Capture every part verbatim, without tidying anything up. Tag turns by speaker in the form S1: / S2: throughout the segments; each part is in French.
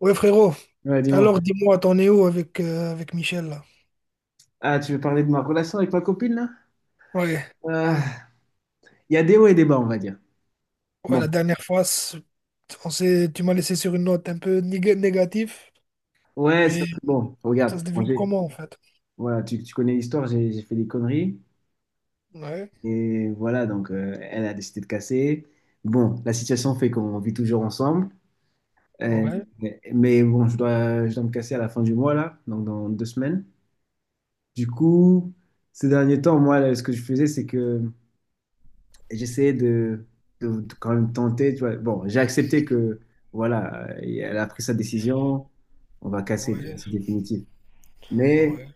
S1: Ouais, frérot.
S2: Ouais, dis-moi.
S1: Alors, dis-moi, t'en es où avec, euh, avec Michel, là?
S2: Ah, tu veux parler de ma relation avec ma copine, là?
S1: Ouais,
S2: Euh, Il y a des hauts et des bas, on va dire.
S1: ouais,
S2: Bon.
S1: la dernière fois, c'est- on s'est, tu m'as laissé sur une note un peu néga- négative,
S2: Ouais, ça,
S1: mais
S2: c'est bon.
S1: ça
S2: Regarde,
S1: se développe
S2: Angers.
S1: comment, en fait?
S2: Voilà, tu, tu connais l'histoire, j'ai j'ai fait des conneries.
S1: Ouais,
S2: Et voilà, donc, euh, elle a décidé de casser. Bon, la situation fait qu'on vit toujours ensemble. Euh,
S1: ouais,
S2: mais bon, je dois, je dois me casser à la fin du mois, là, donc dans deux semaines. Du coup, ces derniers temps, moi, là, ce que je faisais, c'est que et j'essayais de, de- de quand même tenter. Tu vois. Bon, j'ai accepté que, voilà, euh, elle a pris sa décision, on va casser, tu vois,
S1: ouais,
S2: c'est définitif. Mais,
S1: ouais.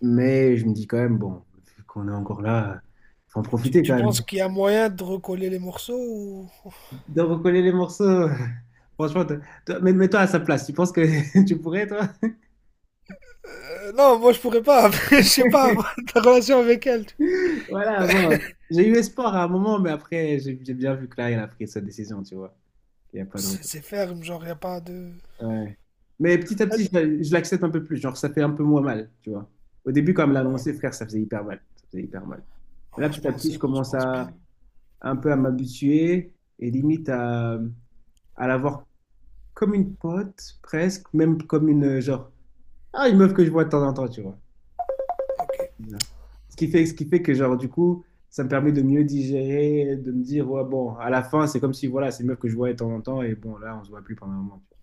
S2: mais je me dis quand même, bon, vu qu'on est encore là, faut en
S1: Tu,
S2: profiter
S1: tu
S2: quand
S1: penses
S2: même.
S1: qu'il y a moyen de recoller les morceaux ou...
S2: De recoller les morceaux, franchement, toi- toi- mais- mets-toi à sa place. Tu penses que tu pourrais, toi?
S1: Euh, non, moi, je pourrais pas. Je sais pas, ta relation avec elle.
S2: Voilà, bon, j'ai eu espoir à un moment, mais après, j'ai j'ai bien vu que là, elle a pris sa décision, tu vois. Il n'y a pas de...
S1: C'est c'est ferme, genre, y a pas de...
S2: Ouais. Mais petit à petit, je, je l'accepte un peu plus. Genre, ça fait un peu moins mal, tu vois. Au début, quand elle me l'a
S1: Ouais,
S2: annoncé, frère, ça faisait hyper mal. Ça faisait hyper mal. Mais là,
S1: ouais, je
S2: petit à petit,
S1: pense,
S2: je
S1: je
S2: commence
S1: pense
S2: à
S1: bien.
S2: un peu à m'habituer et limite à, à l'avoir comme une pote, presque, même comme une, euh, genre, ah, une meuf que je vois de temps en temps, tu vois.
S1: Ok.
S2: Voilà. Ce qui fait, ce qui fait que, genre, du coup, ça me permet de mieux digérer, de me dire, ouais, bon, à la fin, c'est comme si, voilà, c'est une meuf que je vois de temps en temps et bon, là, on se voit plus pendant un moment. Tu vois.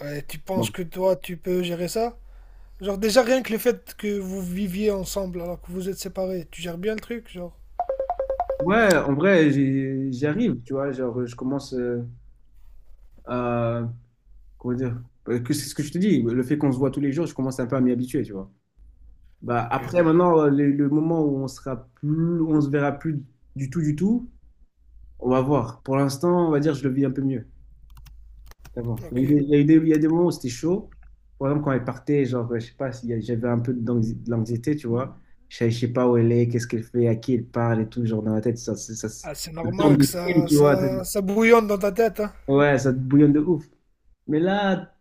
S1: Ouais, tu penses
S2: Bon,
S1: que toi, tu peux gérer ça? Genre, déjà, rien que le fait que vous viviez ensemble alors que vous êtes séparés, tu gères bien le truc, genre.
S2: ouais, en vrai, j'y j'y arrive, tu vois. Genre, je commence euh, à. Comment dire? euh, que- C'est ce que je te dis. Le fait qu'on se voit tous les jours, je commence un peu à m'y habituer, tu vois. Bah,
S1: Ok.
S2: après, maintenant, euh, le, le moment où on sera plus, on se verra plus du tout, du tout, on va voir. Pour l'instant, on va dire, je le vis un peu mieux qu'avant. Il
S1: Ok.
S2: y a eu des, il y a eu des- il y a des moments où c'était chaud. Par exemple, quand elle partait, genre, euh, je sais pas, s'il y a- j'avais un peu d'anxi- de l'anxiété, tu vois. Je savais- je sais pas où elle est, qu'est-ce qu'elle fait, à qui elle parle et tout, genre, dans la tête, ça, ça, ça, ça
S1: Ah, c'est
S2: tourne
S1: normal que
S2: des films,
S1: ça,
S2: tu vois.
S1: ça, ça bouillonne dans ta tête, hein.
S2: Ouais, ça te bouillonne de ouf. Mais là,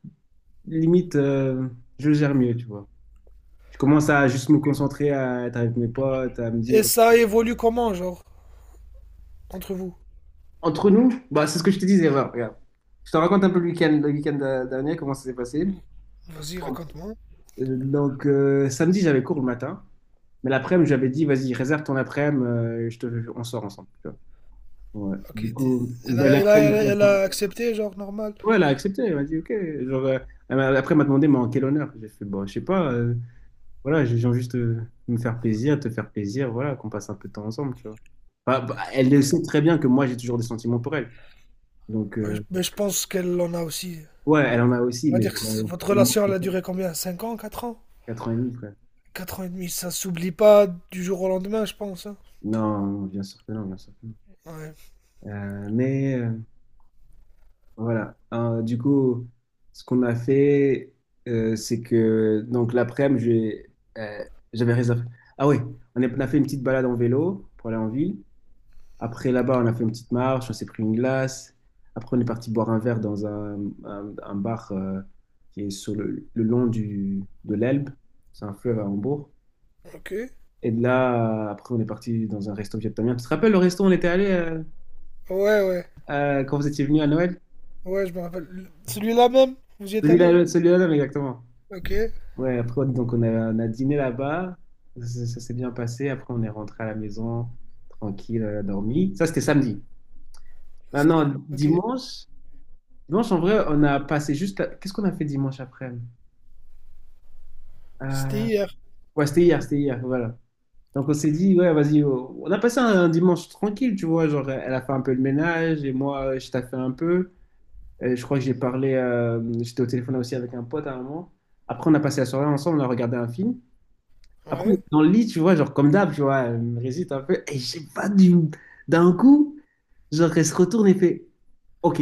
S2: limite, euh, je le gère mieux, tu vois. Je commence à juste me concentrer, à être avec mes potes, à me
S1: Et
S2: dire.
S1: ça évolue comment, genre, entre vous?
S2: Entre nous, bah, c'est ce que je te disais, voilà, regarde. Je te raconte un peu le week-end, le week-end euh, dernier, comment ça s'est passé.
S1: Vas-y,
S2: Bon.
S1: raconte-moi.
S2: Euh, donc, euh, samedi, j'avais cours le matin, mais l'après-midi, j'avais dit, vas-y, réserve ton après-midi, euh, je te, on sort ensemble, tu vois. Ouais.
S1: Ok,
S2: Du
S1: t'es-
S2: coup,
S1: elle a,
S2: ben,
S1: elle a- elle
S2: l'après-midi,
S1: a- elle a accepté, genre, normal.
S2: ouais, elle a accepté, elle m'a dit, ok. Genre, euh, elle m'a- après, elle m'a demandé, mais en quel honneur? J'ai fait, bon, je sais pas. euh, Voilà, je viens juste euh, me faire plaisir, te faire plaisir, voilà, qu'on passe un peu de temps ensemble, tu vois. Bah, bah, elle le
S1: Ok.
S2: sait très bien que moi, j'ai toujours des sentiments pour elle. Donc,
S1: Ouais,
S2: euh,
S1: je- mais je pense qu'elle en a aussi.
S2: ouais, elle en a aussi,
S1: On va
S2: mais
S1: dire que
S2: j'en
S1: c-
S2: ai
S1: votre
S2: tellement
S1: relation, elle
S2: pour
S1: a duré combien? Cinq ans, quatre ans?
S2: quatre ans et demi, frère.
S1: Quatre ans et demi, ça s'oublie pas du jour au lendemain, je pense, hein.
S2: Non, non, bien sûr que non, bien sûr que non.
S1: Ouais.
S2: Euh, mais euh, voilà, Euh, du coup, ce qu'on a fait, euh, c'est que, donc l'après-midi, j'ai, euh, j'avais réservé. Ah oui, on est- on a fait une petite balade en vélo pour aller en ville. Après, là-bas, on a fait une petite marche, on s'est pris une glace. Après, on est parti boire un verre dans un, un- un bar euh, qui est sur le, le long du, de l'Elbe. C'est un fleuve à Hambourg.
S1: Ok. Ouais,
S2: Et de là, euh, après, on est parti dans un resto vietnamien. Tu te rappelles le resto où on était allé euh,
S1: ouais.
S2: euh, quand vous étiez venu à Noël?
S1: Ouais, je me rappelle. Celui-là même, vous y êtes allé?
S2: Celui-là, celui-là, même, exactement.
S1: Ok.
S2: Ouais, après, donc, on a, on a dîné là-bas. Ça, ça s'est bien passé. Après, on est rentré à la maison, tranquille, on a dormi. Ça, c'était samedi.
S1: C'était
S2: Maintenant,
S1: ok.
S2: dimanche. Dimanche, en vrai, on a passé juste. la- Qu'est-ce qu'on a fait dimanche après?
S1: C'était
S2: Euh,
S1: hier.
S2: Ouais, c'était hier, c'était hier, voilà. Donc, on s'est dit, ouais, vas-y, oh. On a passé un, un dimanche tranquille, tu vois. Genre, elle a fait un peu le ménage et moi, euh, je t'ai fait un peu. Et je crois que j'ai parlé, euh, j'étais au téléphone aussi avec un pote à un moment. Après, on a passé la soirée ensemble, on a regardé un film. Après, on
S1: Ouais.
S2: était dans le lit, tu vois, genre, comme d'hab, tu vois, elle me résiste un peu. Et je sais pas, du... d'un coup, genre, elle se retourne et fait, OK,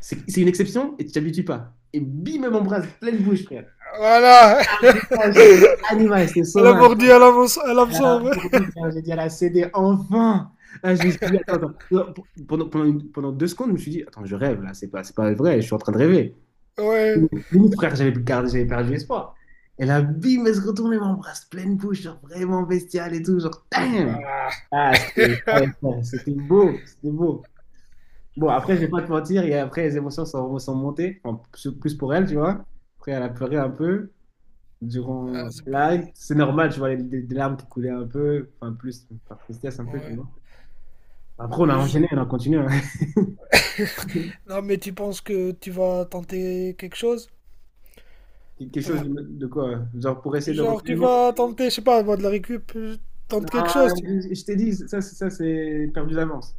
S2: c'est c'est une exception et tu t'habitues pas. Et bim, elle m'embrasse pleine bouche, frère.
S1: Voilà!
S2: Ouais, genre, animal, c'était
S1: Elle a
S2: sauvage.
S1: mordu à l'hameçon. À
S2: Là,
S1: l'hameçon, ouais.
S2: aujourd'hui, là, j'ai dit à la C D, enfin! Là, je me suis dit, attends, attends. Non, p- pendant, pendant une- pendant deux secondes, je me suis dit, attends, je rêve là, c'est pas, c'est pas vrai, je suis en train de rêver.
S1: Ouais.
S2: Limite, frère, j'avais perdu, j'avais perdu espoir. Et là, bim, elle se retourne et m'embrasse pleine bouche, genre vraiment bestiale et tout, genre, damn!
S1: Ah,
S2: Ah, c'était ouais, ouais, c'était beau, c'était beau. Bon, après, je vais
S1: ouais.
S2: pas te mentir, et après, les émotions sont, sont montées, enfin, plus plus pour elle, tu vois. Après, elle a pleuré un peu
S1: Ah,
S2: durant
S1: c'est pire.
S2: là c'est normal tu vois les, les- les larmes qui coulaient un peu enfin plus par tristesse un peu tu
S1: Ouais.
S2: vois après on a
S1: Je-
S2: enchaîné on a continué hein.
S1: non, mais tu penses que tu vas tenter quelque chose?
S2: Quelque chose
S1: Toi.
S2: de, de quoi euh, genre pour essayer de
S1: Genre, tu
S2: reprendre
S1: vas tenter, je sais pas, moi, de la récup, euh,
S2: non
S1: tente quelque chose. Tu-
S2: je je t'ai dit ça c'est- ça c'est perdu d'avance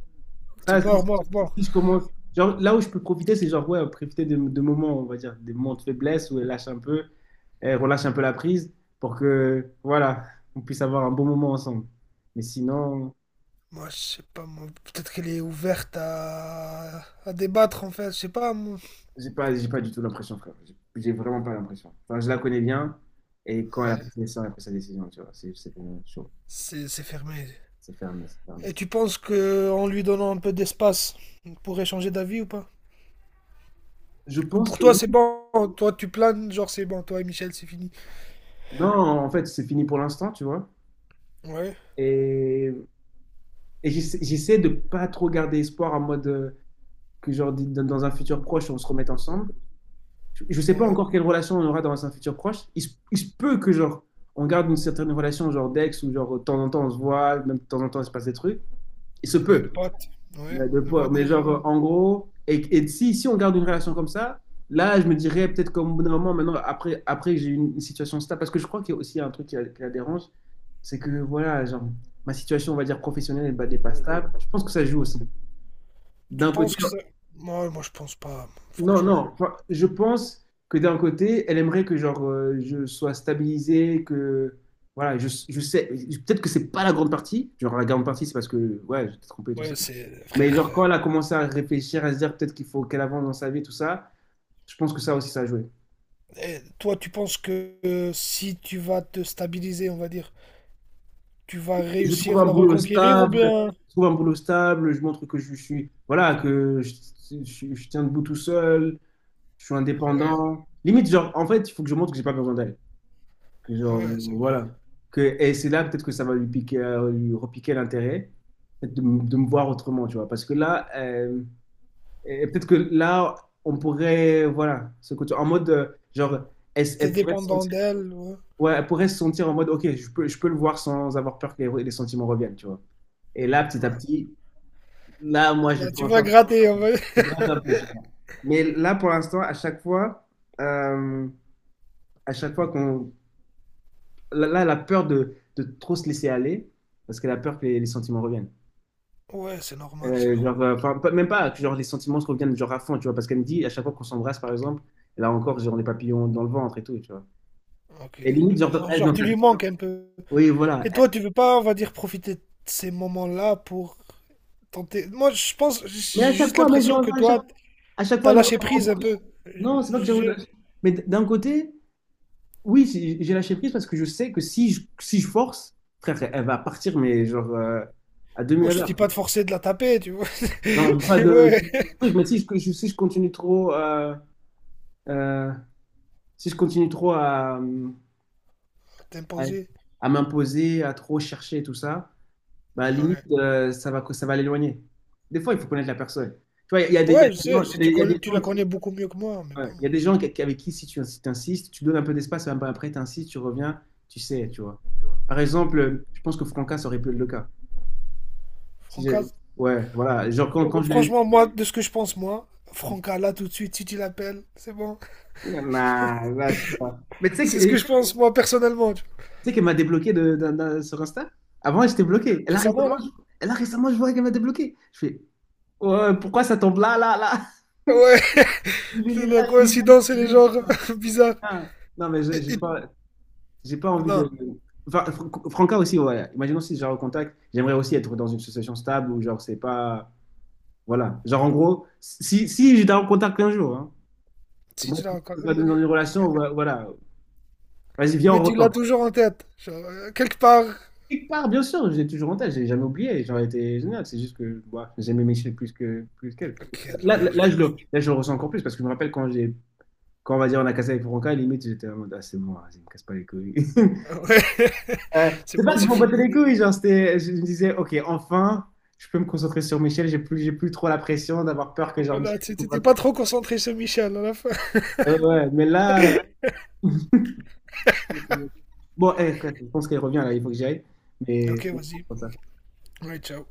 S1: C'est
S2: ça si,
S1: mort,
S2: si-
S1: mort, mort.
S2: si je commence genre là où je peux profiter c'est genre ouais profiter de, de moments on va dire des moments de faiblesse où elle lâche un peu elle relâche un peu la prise pour que voilà on puisse avoir un bon moment ensemble mais sinon.
S1: Moi, je sais pas, moi, peut-être qu'elle est ouverte à... à débattre, en fait, je sais pas. Moi.
S2: J'ai pas, j'ai pas du tout l'impression, frère. J'ai j'ai vraiment pas l'impression. Enfin, je la connais bien et quand elle a
S1: Ouais.
S2: pris ça, elle a pris sa décision, tu vois. C'est c'est pour moi chaud.
S1: C'est fermé.
S2: C'est fermé, c'est fermé.
S1: Et tu penses que en lui donnant un peu d'espace, il pourrait changer d'avis ou pas?
S2: Je
S1: Ou
S2: pense
S1: pour
S2: que
S1: toi,
S2: oui.
S1: c'est bon. Toi, tu planes, genre, c'est bon. Toi et Michel, c'est fini.
S2: Non, en fait, c'est fini pour l'instant, tu vois.
S1: Ouais,
S2: Et, et j'essa- j'essaie de pas trop garder espoir en mode euh, que, genre, dit- dans dans un futur proche, on se remette ensemble. Je je sais pas
S1: ouais.
S2: encore quelle relation on aura dans un futur proche. Il se, il se peut que, genre, on garde une certaine relation, genre d'ex, ou genre, de temps en temps, on se voit, même de temps en temps, il se passe des trucs. Il se
S1: De
S2: peut.
S1: potes. Ouais.
S2: Ouais, de
S1: De voir
S2: poids.
S1: des
S2: Mais genre, euh, en gros, et, et si, si on garde une relation comme ça, là, je me dirais peut-être comme au bout d'un moment, maintenant, après, après que j'ai eu une, une situation stable, parce que je crois qu'il y a aussi un truc qui, la qui la dérange, c'est que, voilà, genre, ma situation, on va dire, professionnelle, elle n'est pas stable. Je pense que ça joue aussi.
S1: tu
S2: D'un côté,
S1: penses que ça... Moi, moi, je pense pas,
S2: non,
S1: franchement.
S2: non, enfin, je pense que d'un côté, elle aimerait que genre euh, je sois stabilisé, que voilà, je, je sais, peut-être que c'est pas la grande partie, genre la grande partie c'est parce que ouais, j'étais trompé et tout ça.
S1: Ouais, c'est...
S2: Mais
S1: Frère,
S2: genre quand elle a commencé à réfléchir, à se dire peut-être qu'il faut qu'elle avance dans sa vie, tout ça, je pense que ça aussi ça a joué.
S1: et toi, tu penses que euh, si tu vas te stabiliser, on va dire, tu vas
S2: Je trouve
S1: réussir
S2: un
S1: à la
S2: boulot
S1: reconquérir ou
S2: stable,
S1: bien...
S2: je trouve un boulot stable, je montre que je suis, voilà, que je, je- je tiens debout tout seul, je suis
S1: Ouais,
S2: indépendant. Limite genre en fait, il faut que je montre que j'ai pas besoin d'elle. Que genre,
S1: ouais, c'est vrai.
S2: voilà. Que, et c'est là peut-être que ça va lui piquer, euh, lui repiquer l'intérêt, peut-être de, m- de me voir autrement, tu vois. Parce que là, euh, et peut-être que là, on pourrait, voilà, ce côté, en mode, euh, genre, elle,
S1: T'es
S2: elle pourrait se
S1: dépendant
S2: sentir,
S1: d'elle, ouais.
S2: ouais, elle pourrait se sentir en mode, ok, je peux, je peux le voir sans avoir peur que les, les sentiments reviennent, tu vois. Et là, petit à
S1: Ouais.
S2: petit, là, moi,
S1: Là,
S2: je fais
S1: tu
S2: en
S1: vas
S2: sorte
S1: gratter, on va...
S2: de gratter un peu, tu vois. Mais là, pour l'instant, à chaque fois, euh, à chaque fois qu'on là, là, elle a peur de, de trop se laisser aller parce qu'elle a peur que les, les sentiments reviennent.
S1: Ouais, c'est normal, c'est
S2: Euh,
S1: normal.
S2: genre, euh, enfin, pas- même pas que genre, les sentiments se reviennent genre à fond, tu vois, parce qu'elle me dit à chaque fois qu'on s'embrasse, par exemple, elle a encore genre, les papillons dans le ventre et tout, tu vois.
S1: Ok.
S2: Et limite, genre, dans-
S1: Alors,
S2: elle, dans
S1: genre, tu
S2: sa-
S1: lui manques un peu.
S2: Oui, voilà.
S1: Et
S2: Elle-
S1: toi, tu veux pas, on va dire, profiter de ces moments-là pour tenter. Moi, je pense,
S2: Mais à
S1: j'ai
S2: chaque
S1: juste
S2: fois, mais je-
S1: l'impression que
S2: à chaque,
S1: toi,
S2: à chaque fois,
S1: t'as
S2: elle me,
S1: lâché
S2: elle me
S1: prise un peu.
S2: repousse. Non, c'est pas que j'ai...
S1: Je...
S2: Mais d- d'un côté, oui, j'ai j'ai lâché prise parce que je sais que si je, si je force, frère, elle va partir, mais genre euh, à deux mille
S1: Moi,
S2: à
S1: je te dis
S2: l'heure.
S1: pas de forcer de la taper, tu vois.
S2: Non, pas de
S1: Ouais,
S2: truc, mais si je, si je continue trop... euh, Euh, si je continue trop à, à,
S1: t'imposer.
S2: à m'imposer, à trop chercher tout ça, bah limite,
S1: Ouais.
S2: euh, ça va, ça va l'éloigner. Des fois, il faut connaître la personne. Tu vois, il y a des, il y a
S1: Ouais, je
S2: des
S1: sais,
S2: gens,
S1: c'est- tu
S2: il y a
S1: connais,
S2: des
S1: tu
S2: gens,
S1: la connais
S2: qui-
S1: beaucoup mieux que moi, mais bon.
S2: ouais, il y a des gens qui- avec qui, si tu si insistes, tu donnes un peu d'espace, un peu après, tu insistes, tu reviens, tu sais, tu vois. Par exemple, je pense que Franca, ça aurait pu être le cas. Si
S1: Franca,
S2: j'ai- ouais, voilà. Genre, quand, quand je l'ai.
S1: franchement, moi, de ce que je pense, moi, Franca, là, tout de suite, si tu l'appelles, c'est bon.
S2: Nah, là, je sais pas. Mais tu sais que
S1: C'est ce que je pense, moi, personnellement. Tu vois.
S2: tu sais qu'elle m'a débloqué de, d'un- d'un- sur Insta? Avant, j'étais bloqué. Et là,
S1: Récemment,
S2: récemment,
S1: là?
S2: je, et là, récemment, je vois qu'elle m'a débloqué. Je fais, ouais, pourquoi ça tombe là, là, là?
S1: Ouais. La
S2: L'univers,
S1: coïncidence, elle est genre bizarre.
S2: là. Non, mais je- j'ai
S1: Et- et-
S2: pas, j'ai pas envie
S1: Non,
S2: de. Enfin, Fran- Franca aussi, ouais. Imaginons si je recontact, j'aimerais aussi être dans une association stable où, genre, c'est pas. Voilà. Genre, en gros, si, si j'étais en contact un jour, hein, c'est
S1: si
S2: moi
S1: tu l'as
S2: qui-
S1: encore.
S2: c'est
S1: Mais,
S2: pas dans une relation,
S1: mais-
S2: voilà. Voilà. Vas-y, viens,
S1: mais
S2: on
S1: tu l'as
S2: retombe.
S1: toujours en tête. Genre, euh, quelque part.
S2: Quelque part, bien sûr, j'ai toujours en tête, j'ai jamais oublié, j'aurais été génial, c'est juste que bah, j'aimais Michel plus que plus qu'elle.
S1: Ok,
S2: Là, là,
S1: ouais, je
S2: là,
S1: vous.
S2: je
S1: Dis.
S2: le, là, je le ressens encore plus parce que je me rappelle quand j'ai quand on va dire on a cassé avec Franca, limite j'étais en mode ah, c'est bon, vas-y, me casse pas les couilles.
S1: Ouais,
S2: Euh,
S1: c'est
S2: c'est pas
S1: bon,
S2: que je
S1: c'est
S2: m'en battais
S1: fini.
S2: les couilles, genre c'était je me disais OK, enfin, je peux me concentrer sur Michel, j'ai plus j'ai plus trop la pression d'avoir peur que genre
S1: Voilà,
S2: Michel ne
S1: tu- t'étais
S2: comprenne
S1: pas
S2: pas.
S1: trop concentré sur Michel à la fin.
S2: Ouais, ouais, mais là bon, eh, frère, je pense qu'elle revient là, il faut que j'y aille. Mais
S1: Ok, vas-y. Ouais, ciao.